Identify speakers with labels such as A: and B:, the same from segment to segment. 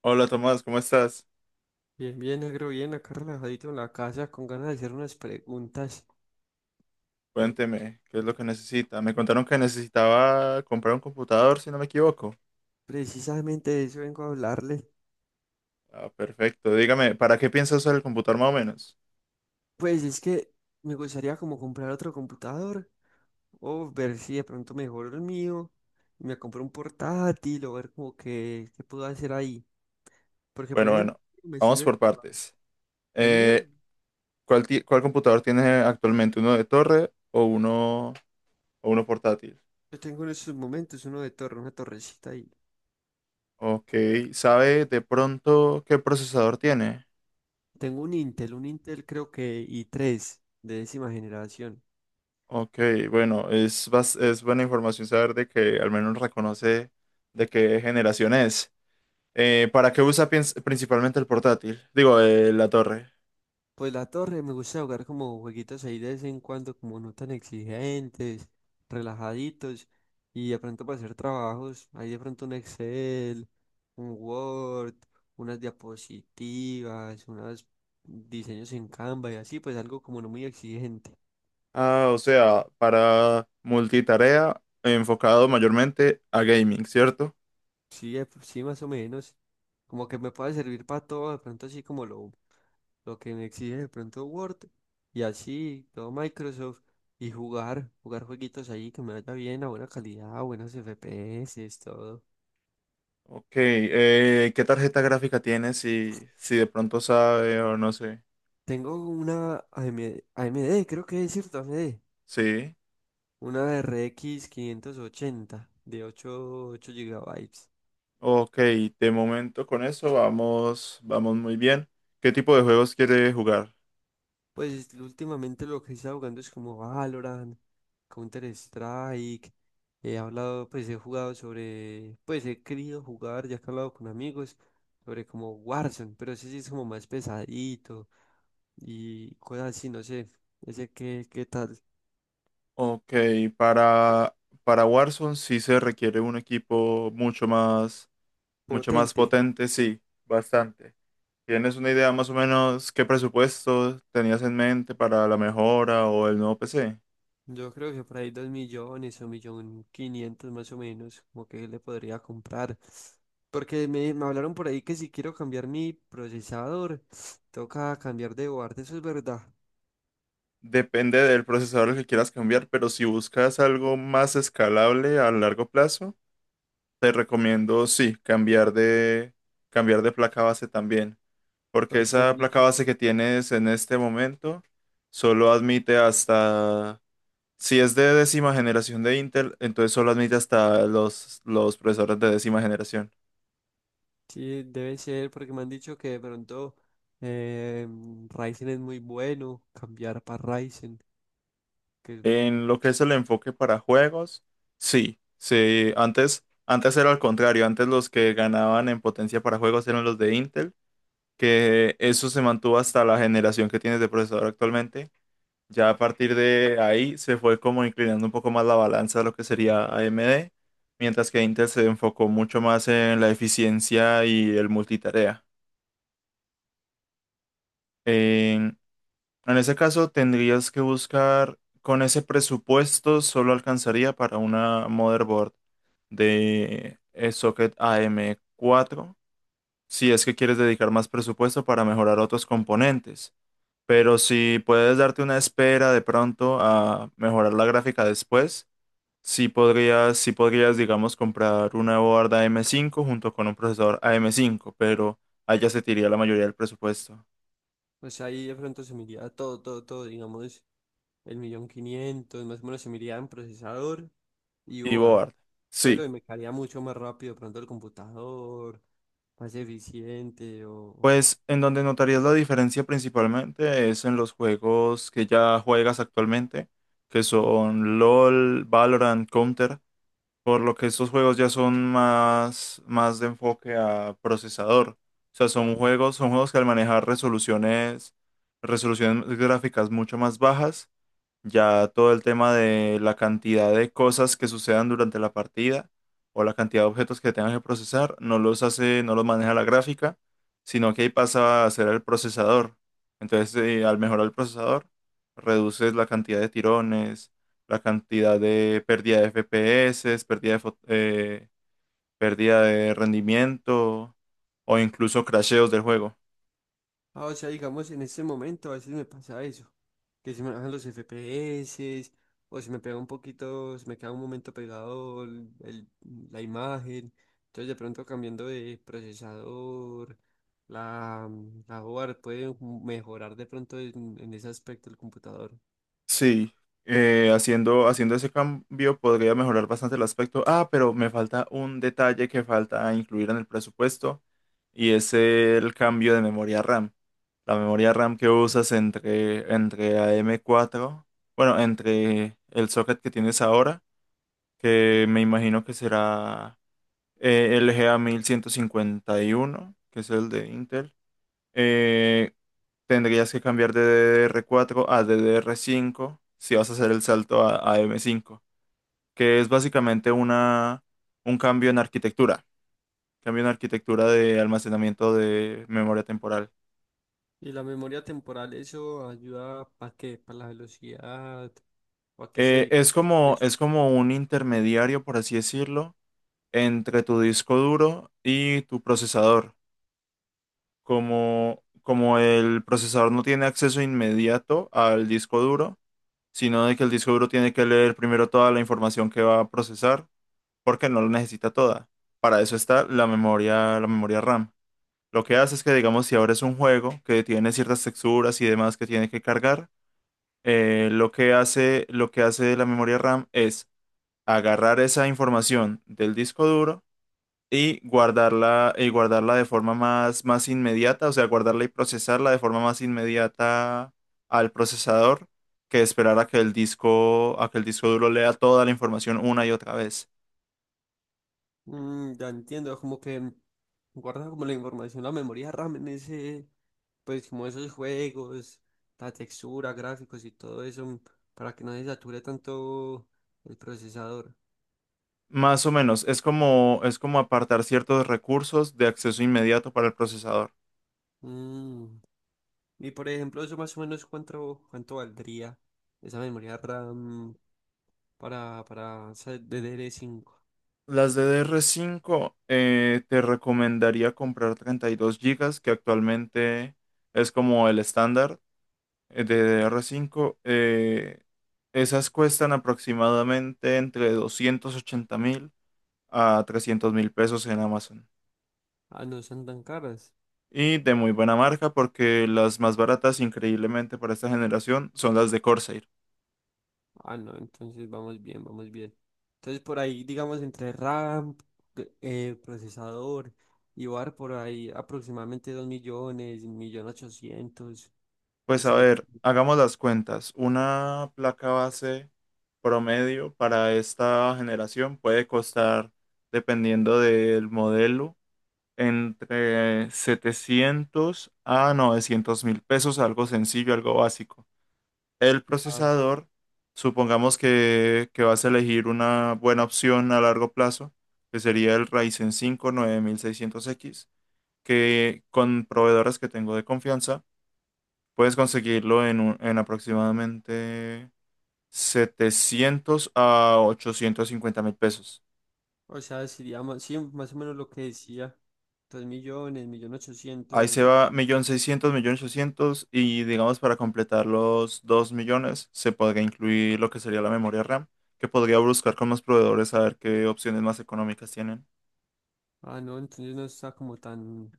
A: Hola Tomás, ¿cómo estás?
B: Bien, bien, negro, bien, acá relajadito en la casa, con ganas de hacer unas preguntas.
A: Cuénteme, ¿qué es lo que necesita? Me contaron que necesitaba comprar un computador, si no me equivoco.
B: Precisamente de eso vengo a hablarle.
A: Ah, perfecto. Dígame, ¿para qué piensa usar el computador más o menos?
B: Pues es que me gustaría como comprar otro computador o ver si de pronto mejoro el mío y me compro un portátil o ver como que qué puedo hacer ahí. Porque, por
A: Bueno,
B: ejemplo,
A: bueno,
B: me
A: vamos
B: sirve
A: por partes.
B: el mío.
A: Eh, cuál computador tiene actualmente? ¿Uno de torre o uno portátil?
B: Yo tengo en estos momentos uno de torre, una torrecita ahí.
A: Ok, ¿sabe de pronto qué procesador tiene?
B: Tengo un Intel creo que i3 de décima generación.
A: Ok, bueno, es buena información saber de que al menos reconoce de qué generación es. ¿Para qué principalmente el portátil? Digo, la torre.
B: Pues la torre me gusta jugar como jueguitos ahí de vez en cuando, como no tan exigentes, relajaditos, y de pronto para hacer trabajos, ahí de pronto un Excel, un Word, unas diapositivas, unos diseños en Canva y así, pues algo como no muy exigente.
A: Ah, o sea, para multitarea, enfocado mayormente a gaming, ¿cierto?
B: Sí, sí, más o menos, como que me puede servir para todo, de pronto así como lo que me exige de pronto Word y así todo Microsoft y jugar, jugar jueguitos ahí que me vaya bien, a buena calidad, a buenos FPS, todo.
A: Ok, ¿Qué tarjeta gráfica tiene? Si de pronto sabe o no sé.
B: Tengo una A M D, creo que es, cierto, A M D,
A: Sí,
B: una RX 580 de ocho gigabytes.
A: ok, de momento con eso vamos muy bien. ¿Qué tipo de juegos quiere jugar?
B: Pues últimamente lo que he estado jugando es como Valorant, Counter-Strike. He hablado, pues he jugado sobre, pues he querido jugar, ya que he hablado con amigos, sobre como Warzone, pero ese sí es como más pesadito y cosas así, no sé, ese que, qué qué tal,
A: Ok, para, para Warzone sí se requiere un equipo mucho más
B: potente.
A: potente, sí, bastante. ¿Tienes una idea más o menos qué presupuesto tenías en mente para la mejora o el nuevo PC?
B: Yo creo que por ahí dos millones o millón quinientos más o menos, como que le podría comprar. Porque me hablaron por ahí que si quiero cambiar mi procesador, toca cambiar de board, eso es verdad.
A: Depende del procesador que quieras cambiar, pero si buscas algo más escalable a largo plazo, te recomiendo sí, cambiar de placa base también, porque
B: Porque me han
A: esa placa
B: dicho,
A: base que tienes en este momento solo admite hasta si es de décima generación de Intel, entonces solo admite hasta los procesadores de décima generación.
B: sí, debe ser, porque me han dicho que de pronto eh, Ryzen es muy bueno, cambiar para Ryzen, que es un-
A: En lo que es el enfoque para juegos, sí, sí, antes era al contrario, antes los que ganaban en potencia para juegos eran los de Intel, que eso se mantuvo hasta la generación que tienes de procesador actualmente. Ya a partir de ahí se fue como inclinando un poco más la balanza a lo que sería AMD, mientras que Intel se enfocó mucho más en la eficiencia y el multitarea. En, en ese caso tendrías que buscar, con ese presupuesto solo alcanzaría para una motherboard de socket am cuatro si es que quieres dedicar más presupuesto para mejorar otros componentes. Pero si puedes darte una espera de pronto a mejorar la gráfica después, sí podrías, digamos, comprar una board AM5 junto con un procesador AM5 pero allá se te iría la mayoría del presupuesto.
B: o sea, ahí de pronto se me iría todo, todo, todo, digamos, el millón quinientos, más o menos se me iría en procesador y
A: Y
B: board,
A: board, sí.
B: pero me caería mucho más rápido de pronto el computador, más eficiente.
A: Pues en donde notarías la diferencia principalmente es en los juegos que ya juegas actualmente, que
B: o-
A: son LOL, Valorant, Counter, por lo que estos juegos ya son más de enfoque a procesador. O sea,
B: Ah,
A: son juegos que al manejar resoluciones gráficas mucho más bajas, ya todo el tema de la cantidad de cosas que sucedan durante la partida o la cantidad de objetos que tengas que procesar, no los hace, no los maneja la gráfica, sino que ahí pasa a ser el procesador. Entonces, al mejorar el procesador, reduces la cantidad de tirones, la cantidad de pérdida de FPS, pérdida de rendimiento o incluso crasheos del juego.
B: ah, o sea, digamos, en este momento a veces me pasa eso, que se me bajan los FPS o se me pega un poquito, se me queda un momento pegado la imagen, entonces de pronto cambiando de procesador, la, la board puede mejorar de pronto en ese aspecto el computador.
A: Sí, haciendo ese cambio podría mejorar bastante el aspecto. Ah, pero me falta un detalle que falta incluir en el presupuesto y es el cambio de memoria RAM. La memoria RAM que usas entre AM4, bueno, entre el socket que tienes ahora, que me imagino que será LGA1151, que es el de Intel. eh, tendrías que cambiar de DDR4 a DDR5 si vas a hacer el salto a, AM5 que es básicamente un cambio en cambio en arquitectura de almacenamiento de memoria temporal.
B: Y la memoria temporal, eso ayuda para la velocidad. ¿O a qué se
A: Eh,
B: dedica
A: es como,
B: eso?
A: es como un intermediario, por así decirlo, entre tu disco duro y tu procesador. Como el procesador no tiene acceso inmediato al disco duro, sino de que el disco duro tiene que leer primero toda la información que va a procesar porque no la necesita toda. Para eso está la memoria RAM. Lo que hace es que, digamos, si ahora es un juego que tiene ciertas texturas y demás que tiene que cargar, lo que hace la memoria RAM es agarrar esa información del disco duro y y guardarla de forma más inmediata, o sea, guardarla y procesarla de forma más inmediata al procesador que esperar a que el disco duro lea toda la información una y otra vez.
B: Mm, ya entiendo, como que guarda como la información, la memoria RAM en ese, pues como esos juegos, la textura, gráficos y todo eso, para que no se sature tanto el procesador.
A: Más o menos, es como apartar ciertos recursos de acceso inmediato para el procesador.
B: Mm. Y por ejemplo, eso más o menos cuánto valdría esa memoria RAM para esa DDR5.
A: Las DDR5 te recomendaría comprar 32 gigas que actualmente es como el estándar de DDR5. Esas cuestan aproximadamente entre 280 mil a 300 mil pesos en Amazon.
B: Ah, no son tan caras.
A: Y de muy buena marca porque las más baratas, increíblemente para esta generación, son las de Corsair.
B: Ah, no, entonces vamos bien, vamos bien. Entonces por ahí, digamos, entre RAM, procesador y bar, por ahí aproximadamente 2 millones, 1 millón ochocientos,
A: Pues a
B: sería.
A: ver, hagamos las cuentas. Una placa base promedio para esta generación puede costar, dependiendo del modelo, entre 700 a 900 mil pesos, algo sencillo, algo básico. El
B: Ah,
A: procesador, supongamos que vas a elegir una buena opción a largo plazo, que sería el Ryzen 5 9600X que con proveedores que tengo de confianza puedes conseguirlo en aproximadamente 700 a 850 mil pesos.
B: o sea, sería más, sí, más o menos lo que decía, 2 millones, millón 800,
A: Ahí se
B: millón.
A: va 1.600.000, ochocientos y digamos para completar los 2 millones se podría incluir lo que sería la memoria RAM, que podría buscar con los proveedores a ver qué opciones más económicas tienen.
B: Ah, no, entonces no está como tan,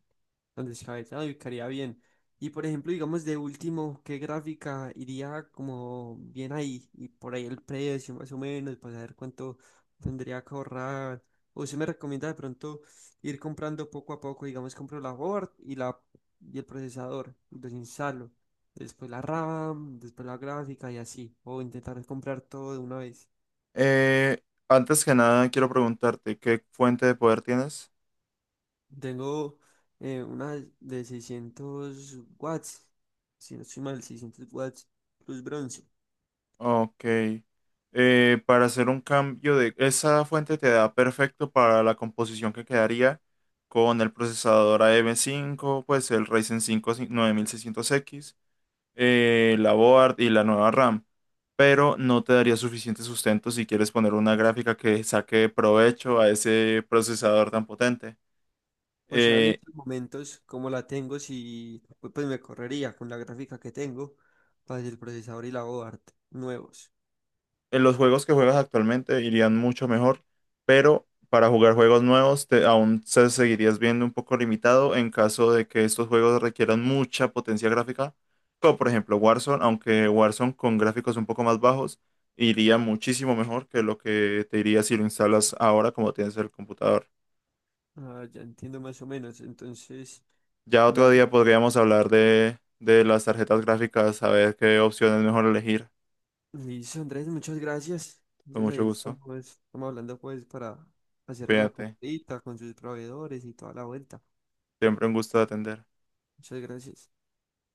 B: Tan descabellado y quedaría bien. Y por ejemplo, digamos de último, ¿qué gráfica iría como bien ahí? Y por ahí el precio más o menos, para saber cuánto tendría que ahorrar. O se me recomienda de pronto ir comprando poco a poco, digamos, compro la board y la y el procesador, los instalo. Después la RAM, después la gráfica y así. O intentar comprar todo de una vez.
A: Eh, antes que nada quiero preguntarte, ¿qué fuente de poder tienes?
B: Tengo una de 600 watts, si no estoy mal, 600 watts plus bronce.
A: Ok. Para hacer un cambio de... Esa fuente te da perfecto para la composición que quedaría con el procesador A. AM5, pues el Ryzen 5 9600X la board y la nueva RAM. Pero no te daría suficiente sustento si quieres poner una gráfica que saque provecho a ese procesador tan potente.
B: O sea, en
A: Eh,
B: estos momentos, como la tengo, si, pues me correría con la gráfica que tengo para el procesador y la board nuevos.
A: en los juegos que juegas actualmente irían mucho mejor, pero para jugar juegos nuevos aún se seguirías viendo un poco limitado en caso de que estos juegos requieran mucha potencia gráfica, como por ejemplo Warzone, aunque Warzone con gráficos un poco más bajos iría muchísimo mejor que lo que te iría si lo instalas ahora como tienes el computador.
B: Ah, ya entiendo más o menos. Entonces,
A: Ya otro
B: nada,
A: día podríamos hablar de las tarjetas gráficas, a ver qué opción es mejor elegir.
B: listo, Andrés, muchas gracias.
A: Con
B: Entonces
A: mucho
B: ahí
A: gusto.
B: estamos, estamos hablando pues para hacerle la
A: Cuídate.
B: comprita con sus proveedores y toda la vuelta.
A: Siempre un gusto de atender.
B: Muchas gracias.